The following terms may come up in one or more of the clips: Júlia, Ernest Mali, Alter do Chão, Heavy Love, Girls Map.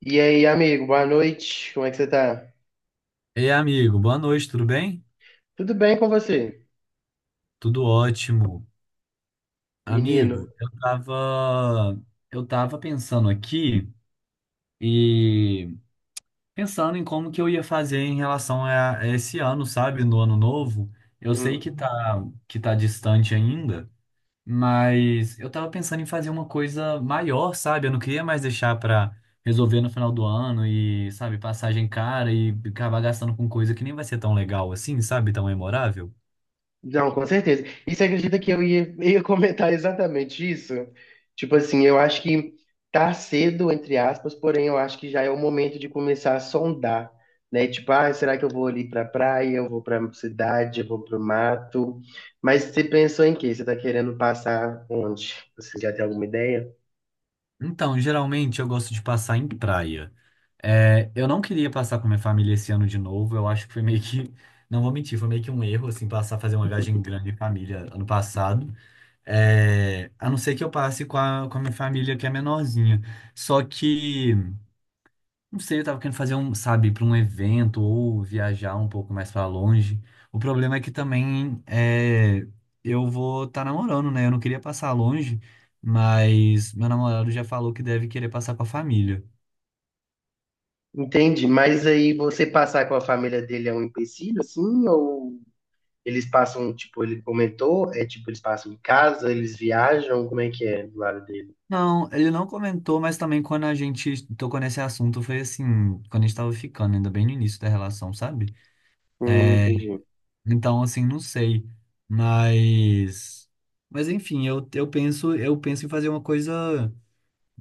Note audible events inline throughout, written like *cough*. E aí, amigo, boa noite. Como é que você tá? Ei, amigo, boa noite, tudo bem? Tudo bem com você, Tudo ótimo. menino? Amigo, eu tava pensando aqui e pensando em como que eu ia fazer em relação a esse ano, sabe? No ano novo. Eu sei Hum. Que tá distante ainda, mas eu tava pensando em fazer uma coisa maior, sabe? Eu não queria mais deixar pra resolver no final do ano e, sabe, passagem cara e acabar gastando com coisa que nem vai ser tão legal assim, sabe? Tão memorável. Não, com certeza. E você acredita que eu ia, *laughs* ia comentar exatamente isso? Tipo assim, eu acho que tá cedo, entre aspas, porém eu acho que já é o momento de começar a sondar, né? Tipo, ah, será que eu vou ali pra praia, eu vou pra cidade, eu vou pro mato? Mas você pensou em quê? Você tá querendo passar onde? Você já tem alguma ideia? Então, geralmente eu gosto de passar em praia. É, eu não queria passar com minha família esse ano de novo. Eu acho que foi meio que, não vou mentir, foi meio que um erro, assim, passar a fazer uma viagem grande em família ano passado. É, a não ser que eu passe com a minha família que é menorzinha. Só que não sei, eu tava querendo fazer um, sabe, para um evento ou viajar um pouco mais para longe. O problema é que também é, eu vou estar namorando, né? Eu não queria passar longe, mas meu namorado já falou que deve querer passar com a família. Entendi. Mas aí você passar com a família dele é um empecilho, assim, ou eles passam, tipo, ele comentou, é tipo, eles passam em casa, eles viajam, como é que é do lado dele? Não, ele não comentou, mas também quando a gente tocou nesse assunto foi assim, quando a gente tava ficando, ainda bem no início da relação, sabe? É, Entendi. então, assim, não sei, mas mas enfim, eu penso em fazer uma coisa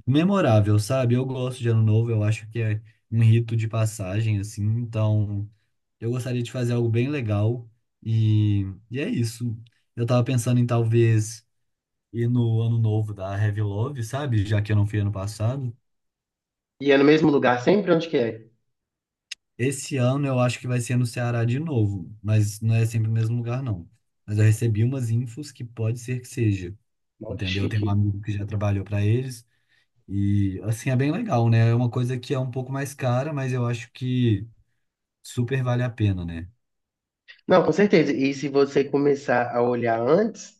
memorável, sabe? Eu gosto de Ano Novo, eu acho que é um rito de passagem, assim, então eu gostaria de fazer algo bem legal e, e é isso. Eu tava pensando em talvez ir no Ano Novo da Heavy Love, sabe? Já que eu não fui ano passado. E é no mesmo lugar sempre? Onde que é? Esse ano eu acho que vai ser no Ceará de novo, mas não é sempre o mesmo lugar, não. Mas eu recebi umas infos que pode ser que seja, Nossa, que entendeu? Eu tenho um chique. amigo que já trabalhou para eles e, assim, é bem legal, né? É uma coisa que é um pouco mais cara, mas eu acho que super vale a pena, né? Não, com certeza. E se você começar a olhar antes,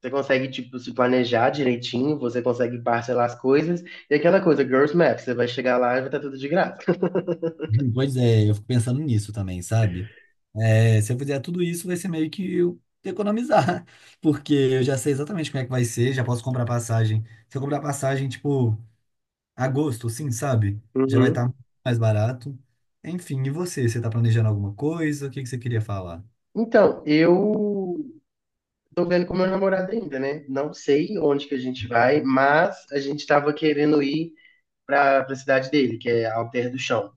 você consegue, tipo, se planejar direitinho, você consegue parcelar as coisas. E aquela coisa, Girls Map, você vai chegar lá e vai estar tudo de graça. Pois é, eu fico pensando nisso também, sabe? É, se eu fizer tudo isso, vai ser meio que eu economizar, *laughs* porque eu já sei exatamente como é que vai ser, já posso comprar passagem. Se eu comprar passagem, tipo, agosto, sim, sabe? Já vai estar Uhum. mais barato. Enfim, e você? Você tá planejando alguma coisa? O que que você queria falar? Então, eu tô vendo com meu namorado ainda, né? Não sei onde que a gente vai, mas a gente tava querendo ir para a cidade dele, que é Alter do Chão,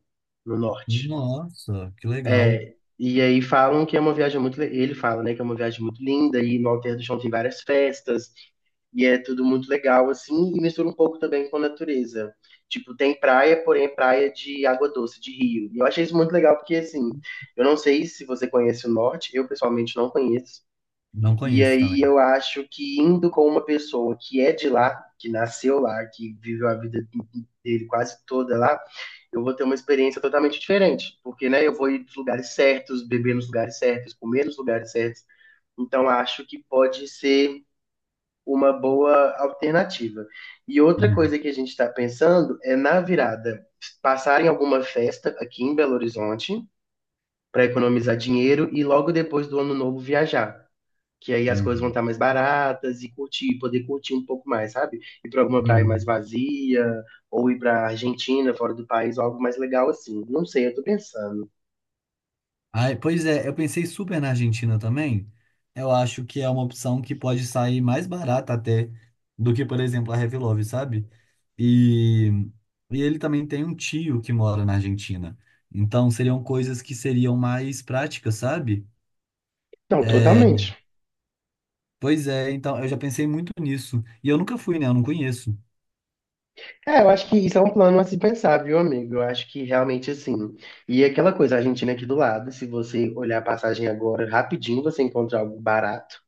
no norte. Nossa, que legal. É, e aí falam que é uma viagem muito. Ele fala, né, que é uma viagem muito linda, e no Alter do Chão tem várias festas, e é tudo muito legal, assim, e mistura um pouco também com a natureza. Tipo, tem praia, porém é praia de água doce, de rio. E eu achei isso muito legal, porque, assim, eu não sei se você conhece o norte, eu pessoalmente não conheço. Não E conheço aí também. eu acho que indo com uma pessoa que é de lá, que nasceu lá, que viveu a vida dele quase toda lá, eu vou ter uma experiência totalmente diferente, porque, né, eu vou ir nos lugares certos, beber nos lugares certos, comer nos lugares certos. Então, acho que pode ser uma boa alternativa. E outra Uhum, coisa que a gente está pensando é na virada, passar em alguma festa aqui em Belo Horizonte para economizar dinheiro e logo depois do ano novo viajar, que aí as coisas vão uhum, estar mais baratas e curtir, poder curtir um pouco mais, sabe? Ir para alguma praia mais uhum. vazia, ou ir para Argentina, fora do país, ou algo mais legal assim. Não sei, eu tô pensando. Ai, pois é, eu pensei super na Argentina também. Eu acho que é uma opção que pode sair mais barata até do que, por exemplo, a Love, sabe? E, e ele também tem um tio que mora na Argentina. Então seriam coisas que seriam mais práticas, sabe? Não, É, totalmente. pois é, então eu já pensei muito nisso. E eu nunca fui, né? Eu não conheço. É, eu acho que isso é um plano a se pensar, viu, amigo? Eu acho que realmente assim. E é aquela coisa, a Argentina é aqui do lado, se você olhar a passagem agora, rapidinho você encontra algo barato,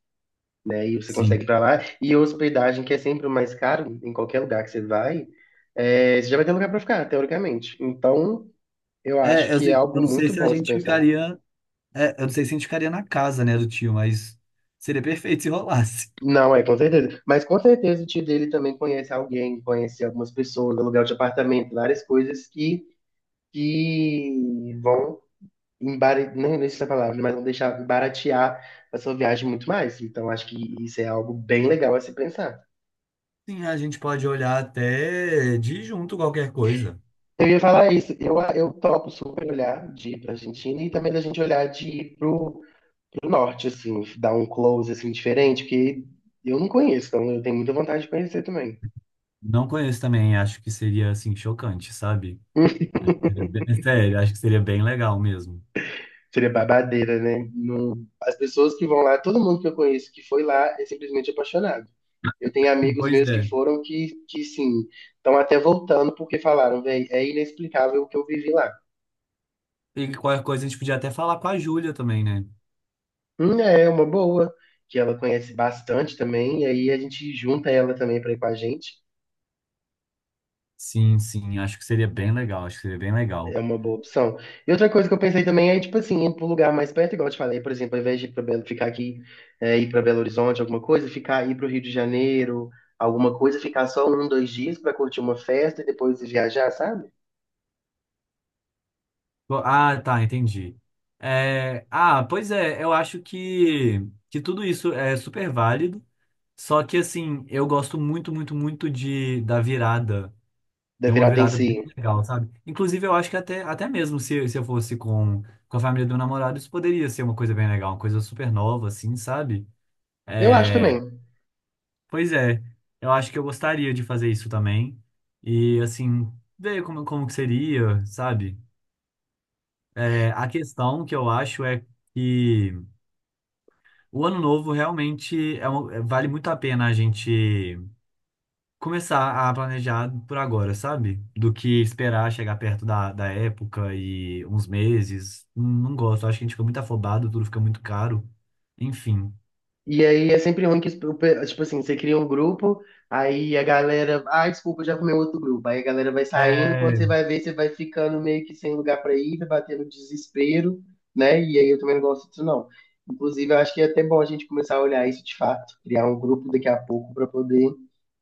né? E você consegue Sim. ir pra lá. E hospedagem, que é sempre o mais caro, em qualquer lugar que você vai, é, você já vai ter lugar pra ficar, teoricamente. Então, eu acho É, que é eu algo não sei muito se bom a a se gente pensar. ficaria. É, eu não sei se a gente ficaria na casa, né, do tio, mas seria perfeito se rolasse. Não, é, com certeza. Mas com certeza o tio dele também conhece alguém, conhece algumas pessoas, aluguel de apartamento, várias coisas que vão embaratear, não sei essa palavra, mas vão deixar baratear a sua viagem muito mais. Então acho que isso é algo bem legal a se pensar. Sim, a gente pode olhar até de junto qualquer coisa. Eu ia falar isso, eu topo super olhar de ir pra Argentina e também da gente olhar de ir pro norte, assim, dar um close assim, diferente, porque eu não conheço, então eu tenho muita vontade de conhecer também. Não conheço também, acho que seria assim chocante, sabe? *laughs* Sério, acho que seria bem legal mesmo. Seria babadeira, né? As pessoas que vão lá, todo mundo que eu conheço que foi lá é simplesmente apaixonado. Eu tenho amigos Pois meus que é. foram que sim, estão até voltando porque falaram, velho, é inexplicável o que eu vivi lá. E qualquer coisa a gente podia até falar com a Júlia também, né? É uma boa, que ela conhece bastante também, e aí a gente junta ela também para ir com a gente. Sim, sim, acho que seria bem legal, acho que seria bem É legal. uma boa opção. E outra coisa que eu pensei também é, tipo assim, ir para um lugar mais perto, igual eu te falei, por exemplo, ao invés de ir pra Belo, ficar aqui, é, ir para Belo Horizonte, alguma coisa, ficar ir para o Rio de Janeiro, alguma coisa, ficar só um, dois dias para curtir uma festa e depois viajar, sabe? Ah, tá, entendi. É, ah, pois é, que tudo isso é super válido, só que assim, eu gosto muito, muito, muito de da virada. Da Tem uma virada em virada si. bem legal, sabe? Inclusive, eu acho que até mesmo se eu fosse com a família do namorado, isso poderia ser uma coisa bem legal, uma coisa super nova, assim, sabe? Eu acho É, também. pois é, eu acho que eu gostaria de fazer isso também. E, assim, ver como que seria, sabe? É, a questão que eu acho é que o ano novo realmente vale muito a pena a gente começar a planejar por agora, sabe? Do que esperar chegar perto da época e uns meses. Não, não gosto, acho que a gente fica muito afobado, tudo fica muito caro. Enfim. E aí é sempre ruim que, tipo assim, você cria um grupo, aí a galera, ah, desculpa, eu já comeu outro grupo. Aí a galera vai saindo, e quando você É, vai ver, você vai ficando meio que sem lugar pra ir, vai batendo desespero, né? E aí eu também não gosto disso, não. Inclusive, eu acho que é até bom a gente começar a olhar isso de fato, criar um grupo daqui a pouco pra poder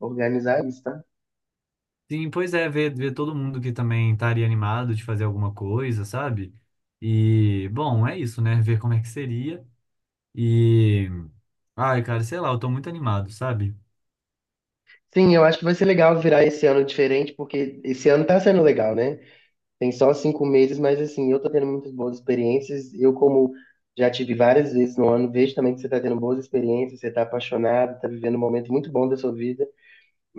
organizar isso, tá? sim, pois é, ver todo mundo que também estaria animado de fazer alguma coisa, sabe? E, bom, é isso, né? Ver como é que seria. E, ai, cara, sei lá, eu tô muito animado, sabe? *laughs* Sim, eu acho que vai ser legal virar esse ano diferente, porque esse ano tá sendo legal, né? Tem só 5 meses, mas assim, eu tô tendo muitas boas experiências. Eu, como já tive várias vezes no ano, vejo também que você tá tendo boas experiências, você tá apaixonado, tá vivendo um momento muito bom da sua vida.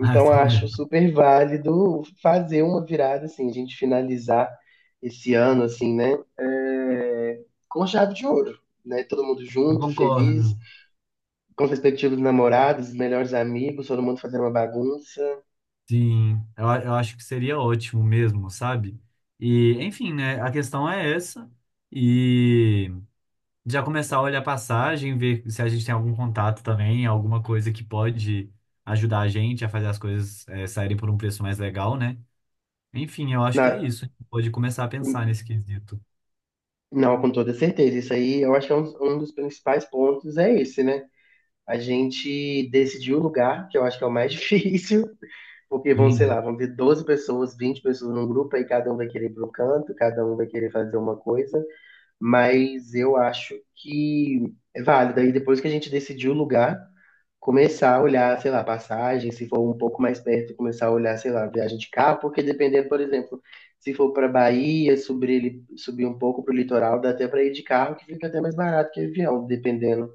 Ah, eu tô acho mesmo. super válido fazer uma virada, assim, a gente finalizar esse ano, assim, né? É, com chave de ouro, né? Todo mundo Eu junto, feliz, concordo. com perspectiva dos namorados, melhores amigos, todo mundo fazendo uma bagunça. Sim, eu acho que seria ótimo mesmo, sabe? E, enfim, né? A questão é essa. E já começar a olhar a passagem, ver se a gente tem algum contato também, alguma coisa que pode ajudar a gente a fazer as coisas, saírem por um preço mais legal, né? Enfim, eu acho que é Na, isso. A gente pode começar a pensar nesse quesito. Não, com toda certeza. Isso aí, eu acho que é um dos principais pontos é esse, né? A gente decidir o lugar, que eu acho que é o mais *laughs* difícil, porque vão, sei Sim. lá, vão ter 12 pessoas, 20 pessoas num grupo, aí cada um vai querer ir para um canto, cada um vai querer fazer uma coisa, mas eu acho que é válido. Aí depois que a gente decidir o lugar, começar a olhar, sei lá, passagem, se for um pouco mais perto, começar a olhar, sei lá, viagem de carro, porque dependendo, por exemplo, se for para Bahia, subir, subir um pouco para o litoral, dá até para ir de carro, que fica até mais barato que avião, dependendo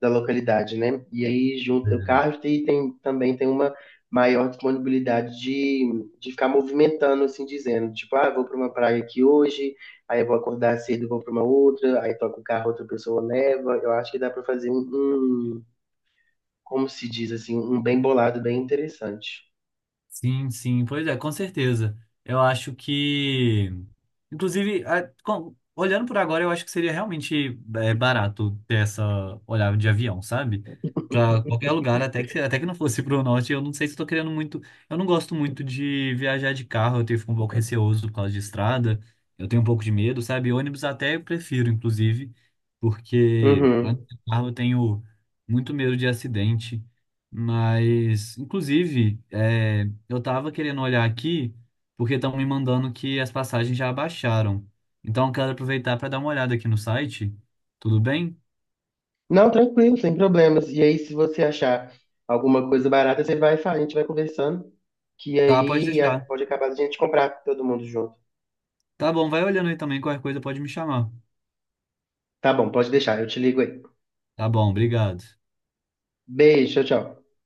da localidade, né? E aí junta o carro e tem, também tem uma maior disponibilidade de ficar movimentando, assim dizendo, tipo, ah, vou para uma praia aqui hoje, aí eu vou acordar cedo, vou para uma outra, aí toca o carro, outra pessoa leva. Eu acho que dá para fazer um como se diz assim, um bem bolado, bem interessante. Sim, sim, pois é, com certeza. Eu acho que, inclusive, olhando por agora, eu acho que seria realmente barato ter essa olhada de avião, sabe? Pra qualquer lugar, até que não fosse pro norte, eu não sei se eu tô querendo muito. Eu não gosto muito de viajar de carro, eu tenho fico um pouco receoso por causa de estrada, eu tenho um pouco de medo, sabe? Ônibus até eu prefiro, inclusive, porque Uhum. antes de carro eu tenho muito medo de acidente. Mas, inclusive, é, eu tava querendo olhar aqui, porque estão me mandando que as passagens já abaixaram. Então eu quero aproveitar para dar uma olhada aqui no site. Tudo bem? Não, tranquilo, sem problemas. E aí, se você achar alguma coisa barata, você vai falar, a gente vai conversando, que Tá, pode deixar. pode acabar a gente comprar todo mundo junto. Tá bom, vai olhando aí também, qualquer coisa pode me chamar. Tá bom, pode deixar, eu te ligo aí. Tá bom, obrigado. Beijo, tchau, tchau.